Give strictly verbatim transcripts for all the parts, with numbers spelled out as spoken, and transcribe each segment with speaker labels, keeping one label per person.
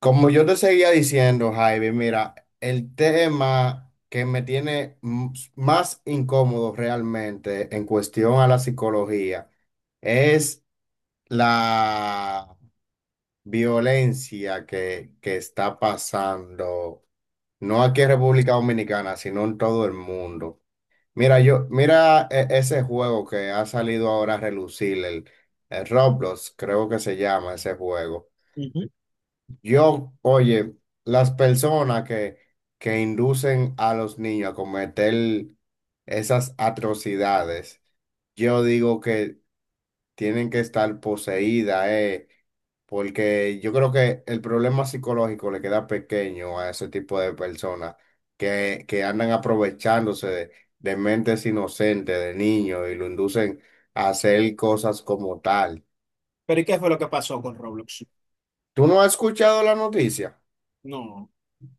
Speaker 1: Como yo te seguía diciendo, Jaime, mira, el tema que me tiene m- más incómodo realmente en cuestión a la psicología es la violencia que, que está pasando, no aquí en República Dominicana, sino en todo el mundo. Mira, yo, mira e- ese juego que ha salido ahora a relucir, el, el Roblox, creo que se llama ese juego.
Speaker 2: Ujú.
Speaker 1: Yo, oye, las personas que, que inducen a los niños a cometer esas atrocidades, yo digo que tienen que estar poseídas, eh, porque yo creo que el problema psicológico le queda pequeño a ese tipo de personas que, que andan aprovechándose de, de mentes inocentes, de niños, y lo inducen a hacer cosas como tal.
Speaker 2: Pero ¿y qué fue lo que pasó con Roblox?
Speaker 1: ¿Tú no has escuchado la noticia?
Speaker 2: No,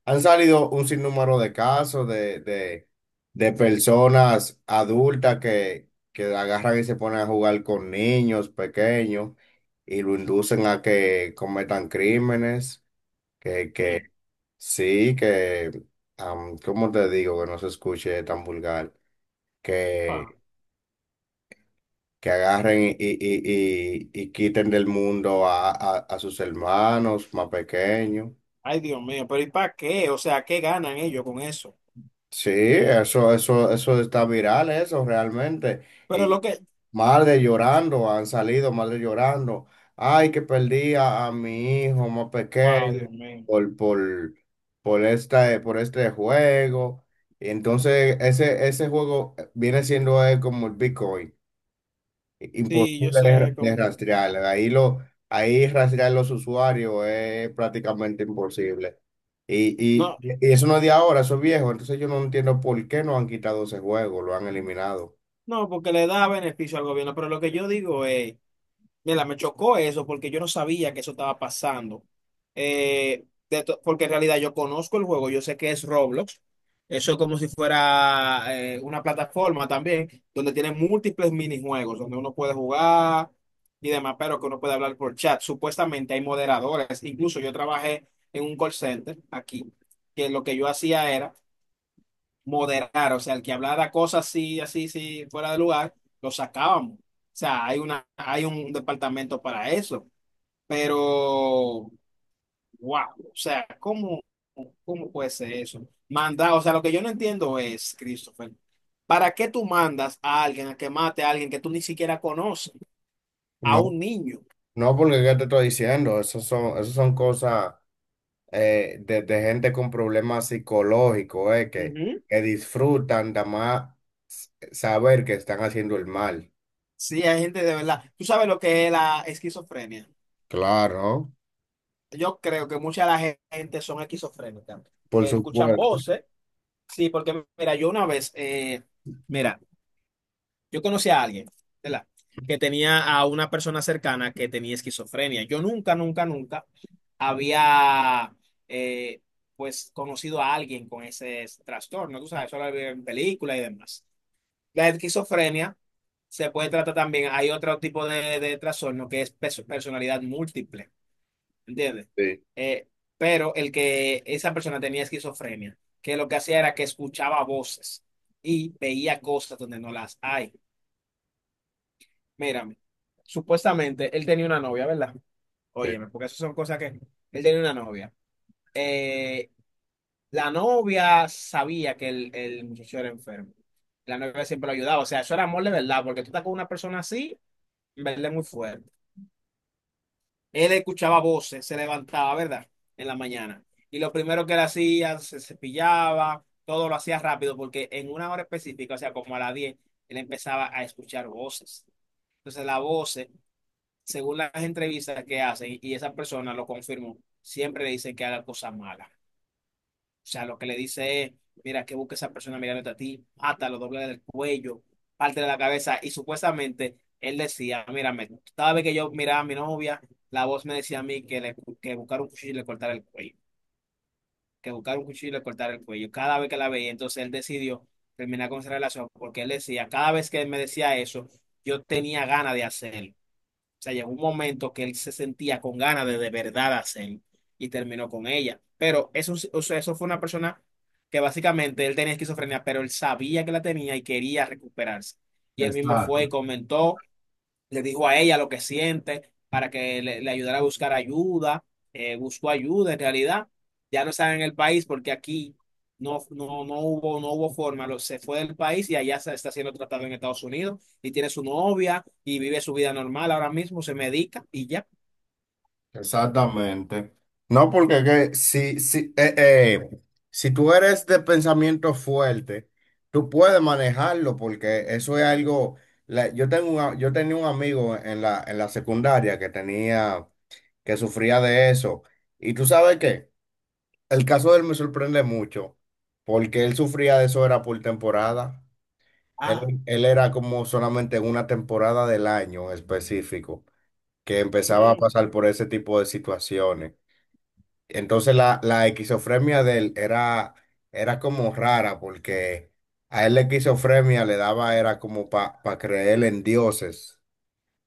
Speaker 1: Han salido un sinnúmero de casos de, de, de personas adultas que, que agarran y se ponen a jugar con niños pequeños y lo inducen a que cometan crímenes, que, que
Speaker 2: eh,
Speaker 1: sí, que, am, ¿Cómo te digo? Que no se escuche tan vulgar,
Speaker 2: upa.
Speaker 1: que, que agarren y, y, y, y- y quiten del mundo a, a, a sus hermanos más pequeños.
Speaker 2: Ay, Dios mío, pero ¿y para qué? O sea, ¿qué ganan ellos con eso?
Speaker 1: Sí, eso, eso, eso está viral, eso realmente.
Speaker 2: Pero
Speaker 1: Y
Speaker 2: lo que,
Speaker 1: madres llorando, han salido madres llorando. Ay, que perdí a, a mi hijo más
Speaker 2: wow,
Speaker 1: pequeño
Speaker 2: Dios mío.
Speaker 1: por, por, por esta- por este juego. Y entonces ese, ese juego viene siendo eh, como el Bitcoin.
Speaker 2: Sí, yo
Speaker 1: Imposible
Speaker 2: sé
Speaker 1: de,
Speaker 2: cómo.
Speaker 1: de rastrear. Ahí, lo, ahí rastrear los usuarios es prácticamente imposible. Y, y,
Speaker 2: No,
Speaker 1: y eso no es de ahora, eso es viejo. Entonces yo no entiendo por qué no han quitado ese juego, lo han eliminado.
Speaker 2: No, porque le da beneficio al gobierno, pero lo que yo digo es, mira, me chocó eso porque yo no sabía que eso estaba pasando. Eh, de to- porque en realidad yo conozco el juego, yo sé que es Roblox. Eso es como si fuera eh, una plataforma también, donde tiene múltiples minijuegos, donde uno puede jugar y demás, pero que uno puede hablar por chat. Supuestamente hay moderadores. Incluso yo trabajé en un call center aquí, que lo que yo hacía era moderar, o sea, el que hablara cosas así, así, sí, fuera de lugar, lo sacábamos. O sea, hay una, hay un departamento para eso. Pero, wow, o sea, ¿cómo, cómo puede ser eso? Mandar, o sea, lo que yo no entiendo es, Christopher, ¿para qué tú mandas a alguien a que mate a alguien que tú ni siquiera conoces, a
Speaker 1: No,
Speaker 2: un niño?
Speaker 1: no porque ¿qué te estoy diciendo? Esas son, esas son cosas eh, de, de gente con problemas psicológicos, eh, que,
Speaker 2: Ujú.
Speaker 1: que disfrutan de más saber que están haciendo el mal.
Speaker 2: Sí, hay gente de verdad. ¿Tú sabes lo que es la esquizofrenia?
Speaker 1: Claro,
Speaker 2: Yo creo que mucha de la gente son esquizofrénicas,
Speaker 1: por
Speaker 2: que escuchan
Speaker 1: supuesto.
Speaker 2: voces. Sí, porque mira, yo una vez, eh, mira, yo conocí a alguien, ¿verdad? Que tenía a una persona cercana que tenía esquizofrenia. Yo nunca, nunca, nunca había, eh, pues, conocido a alguien con ese trastorno, tú sabes, solo había en películas y demás. La esquizofrenia se puede tratar también, hay otro tipo de, de trastorno que es perso- personalidad múltiple. ¿Entiendes?
Speaker 1: Sí,
Speaker 2: Eh, pero el que esa persona tenía esquizofrenia, que lo que hacía era que escuchaba voces y veía cosas donde no las hay. Mírame, supuestamente él tenía una novia, ¿verdad?
Speaker 1: sí.
Speaker 2: Óyeme, porque esas son cosas que él tenía una novia. Eh, la novia sabía que el, el muchacho era enfermo. La novia siempre lo ayudaba. O sea, eso era amor de verdad, porque tú estás con una persona así, en verdad es muy fuerte. Él escuchaba voces, se levantaba, ¿verdad? En la mañana. Y lo primero que él hacía, se cepillaba, todo lo hacía rápido, porque en una hora específica, o sea, como a las diez, él empezaba a escuchar voces. Entonces, las voces, según las entrevistas que hacen, y esa persona lo confirmó, siempre le dicen que haga cosas malas. O sea, lo que le dice es, mira, que busque esa persona mirándote a ti, lo doble del cuello, parte de la cabeza. Y supuestamente él decía, mírame, cada vez que yo miraba a mi novia, la voz me decía a mí que, le, que buscar un cuchillo y le cortara el cuello, que buscar un cuchillo y le cortara el cuello. Cada vez que la veía, entonces él decidió terminar con esa relación porque él decía, cada vez que él me decía eso, yo tenía ganas de hacerlo. O sea, llegó un momento que él se sentía con ganas de de verdad hacerlo y terminó con ella. Pero eso, sí- o sea, eso fue una persona que básicamente él tenía esquizofrenia, pero él sabía que la tenía y quería recuperarse. Y él mismo fue y
Speaker 1: Exacto.
Speaker 2: comentó, le dijo a ella lo que siente para que le, le ayudara a buscar ayuda, eh, buscó ayuda en realidad, ya no está en el país porque aquí no, no, no hubo, no hubo forma, lo- se fue del país y allá se está siendo tratado en Estados Unidos y tiene su novia y vive su vida normal ahora mismo, se medica y ya.
Speaker 1: Exactamente. No, porque que si, si, eh, eh, si tú eres de pensamiento fuerte, tú puedes manejarlo porque eso es algo... la- yo tengo un a- yo tenía un amigo en la, en la secundaria que tenía, que sufría de eso. Y tú sabes qué, el caso de él me sorprende mucho porque él sufría de eso era por temporada. Él,
Speaker 2: Ah.
Speaker 1: Él era como solamente en una temporada del año específico que empezaba a
Speaker 2: Mm.
Speaker 1: pasar por ese tipo de situaciones. Entonces la, la esquizofrenia de él era, era como rara porque a él la esquizofrenia le daba, era como para creer en dioses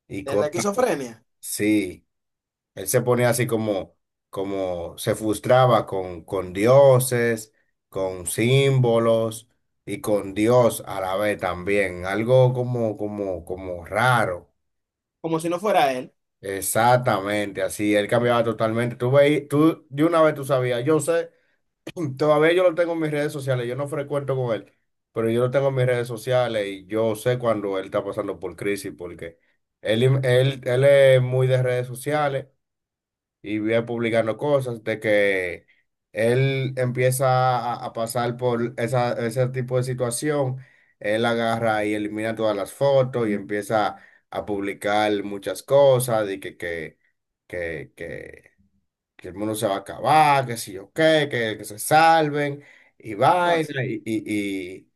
Speaker 1: y
Speaker 2: Es la
Speaker 1: cosas
Speaker 2: esquizofrenia.
Speaker 1: así. Él se ponía así como, como se frustraba con, con dioses, con símbolos y con Dios a la vez también. Algo como, como, como raro.
Speaker 2: Como si no fuera él.
Speaker 1: Exactamente, así. Él cambiaba totalmente. Tú veí- tú de una vez tú sabías, yo sé. Todavía yo lo tengo en mis redes sociales, yo no frecuento con él, pero yo lo tengo en mis redes sociales y yo sé cuando él está pasando por crisis porque él, él, él es muy de redes sociales y viene publicando cosas de que él empieza a, a pasar por esa, ese tipo de situación, él agarra y elimina todas las fotos y empieza a publicar muchas cosas y que, que, que, que que el mundo se va a acabar, que si yo qué, que, que se salven, y vaina,
Speaker 2: Fácil.
Speaker 1: y, y, y,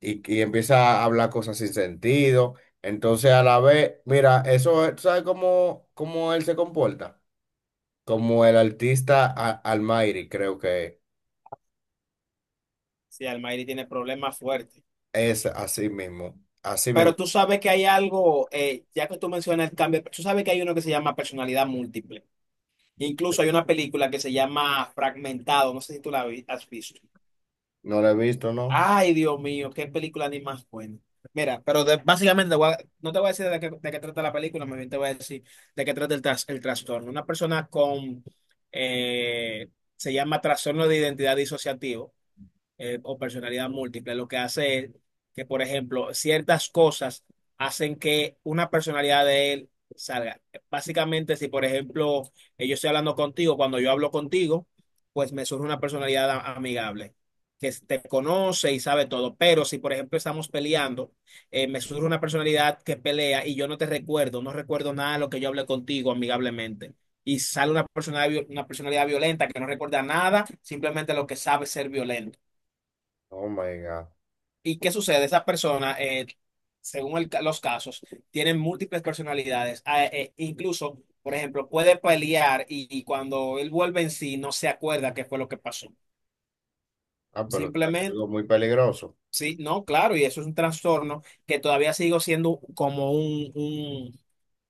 Speaker 1: y- y empieza a hablar cosas sin sentido. Entonces, a la vez, mira, eso, es- ¿tú sabes cómo, cómo él se comporta? Como el artista a- Almighty, creo que
Speaker 2: Sí, Almairi tiene problemas fuertes.
Speaker 1: es así mismo, así
Speaker 2: Pero
Speaker 1: mismo.
Speaker 2: tú sabes que hay algo, eh, ya que tú mencionas el cambio, tú sabes que hay uno que se llama personalidad múltiple. Incluso hay una película que se llama Fragmentado, no sé si tú la vi- has visto.
Speaker 1: No lo he visto, ¿no?
Speaker 2: Ay, Dios mío, qué película ni más buena. Mira, pero de- básicamente voy a- no te voy a decir de qué, de qué trata la película, más bien te voy a decir de qué trata el, tras- el trastorno. Una persona con, eh, se llama trastorno de identidad disociativo eh, o personalidad múltiple. Lo que hace es que, por ejemplo, ciertas cosas hacen que una personalidad de él salga. Básicamente, si por ejemplo eh, yo estoy hablando contigo, cuando yo hablo contigo, pues me surge una personalidad a- amigable, que te conoce y sabe todo, pero si por ejemplo estamos peleando, eh, me surge una personalidad que pelea y yo no te recuerdo, no recuerdo nada de lo que yo hablé contigo amigablemente y sale una personalidad, una personalidad violenta que no recuerda nada, simplemente lo que sabe ser violento.
Speaker 1: Oh my God.
Speaker 2: ¿Y qué sucede? Esas personas, eh, según el ca- los casos, tienen múltiples personalidades. Ah, eh, incluso, por ejemplo, puede pelear y, y cuando él vuelve en sí no se acuerda qué fue lo que pasó.
Speaker 1: Ah, pero eso es
Speaker 2: Simplemente,
Speaker 1: algo muy peligroso.
Speaker 2: sí, no, claro, y eso es un trastorno que todavía sigo siendo como un,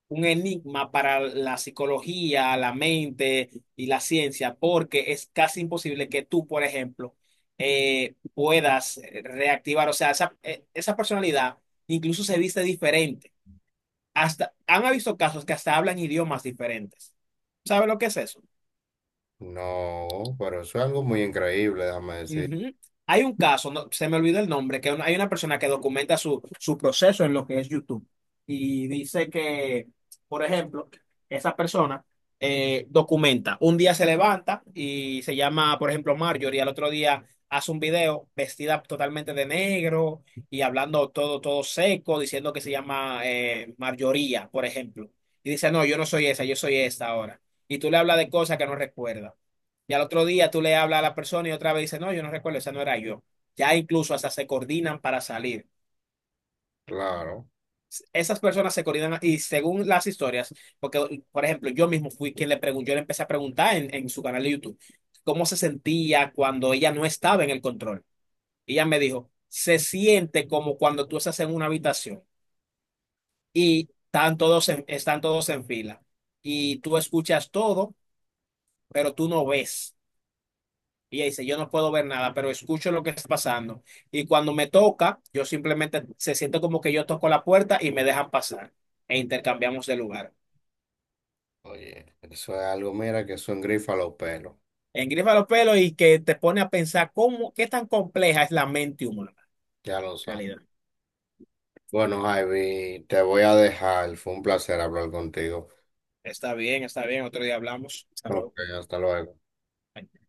Speaker 2: un enigma para la psicología, la mente y la ciencia, porque es casi imposible que tú, por ejemplo, eh, puedas eh, reactivar, o sea, esa, eh, esa personalidad incluso se viste diferente. Hasta, han visto casos que hasta hablan idiomas diferentes. ¿Sabe lo que es eso?
Speaker 1: No, pero eso es algo muy increíble, déjame decir.
Speaker 2: Ujú. Hay un caso, no- se me olvidó el nombre, que una- hay una persona que documenta su, su proceso en lo que es YouTube y dice que, por ejemplo, esa persona eh, documenta, un día se levanta y se llama, por ejemplo, Marjorie, al otro día hace un video vestida totalmente de negro y hablando todo, todo seco, diciendo que se llama eh, Marjoría, por ejemplo. Y dice, no, yo no soy esa, yo soy esta ahora. Y tú le hablas de cosas que no recuerda. Y al otro día tú le hablas a la persona y otra vez dice, no, yo no recuerdo, esa no era yo. Ya incluso hasta se coordinan para salir.
Speaker 1: Claro.
Speaker 2: Esas personas se coordinan y según las historias, porque por ejemplo, yo mismo fui quien le preguntó, yo le empecé a preguntar en, en su canal de YouTube cómo se sentía cuando ella no estaba en el control. Y ella me dijo, se siente como cuando tú estás en una habitación y están todos en- están todos en fila y tú escuchas todo, pero tú no ves. Y ella dice, yo no puedo ver nada, pero escucho lo que está pasando. Y cuando me toca, yo simplemente se siente como que yo toco la puerta y me dejan pasar. E intercambiamos de lugar.
Speaker 1: Oye, eso es algo, mira, que son grifas los pelos,
Speaker 2: Engrifa los pelos y que te pone a pensar cómo, qué tan compleja es la mente humana
Speaker 1: ya lo
Speaker 2: en realidad.
Speaker 1: sabes. Bueno, Javi, te voy a dejar, fue un placer hablar contigo.
Speaker 2: Está bien, está bien. Otro día hablamos. Hasta
Speaker 1: Ok,
Speaker 2: luego.
Speaker 1: hasta luego.
Speaker 2: Bye.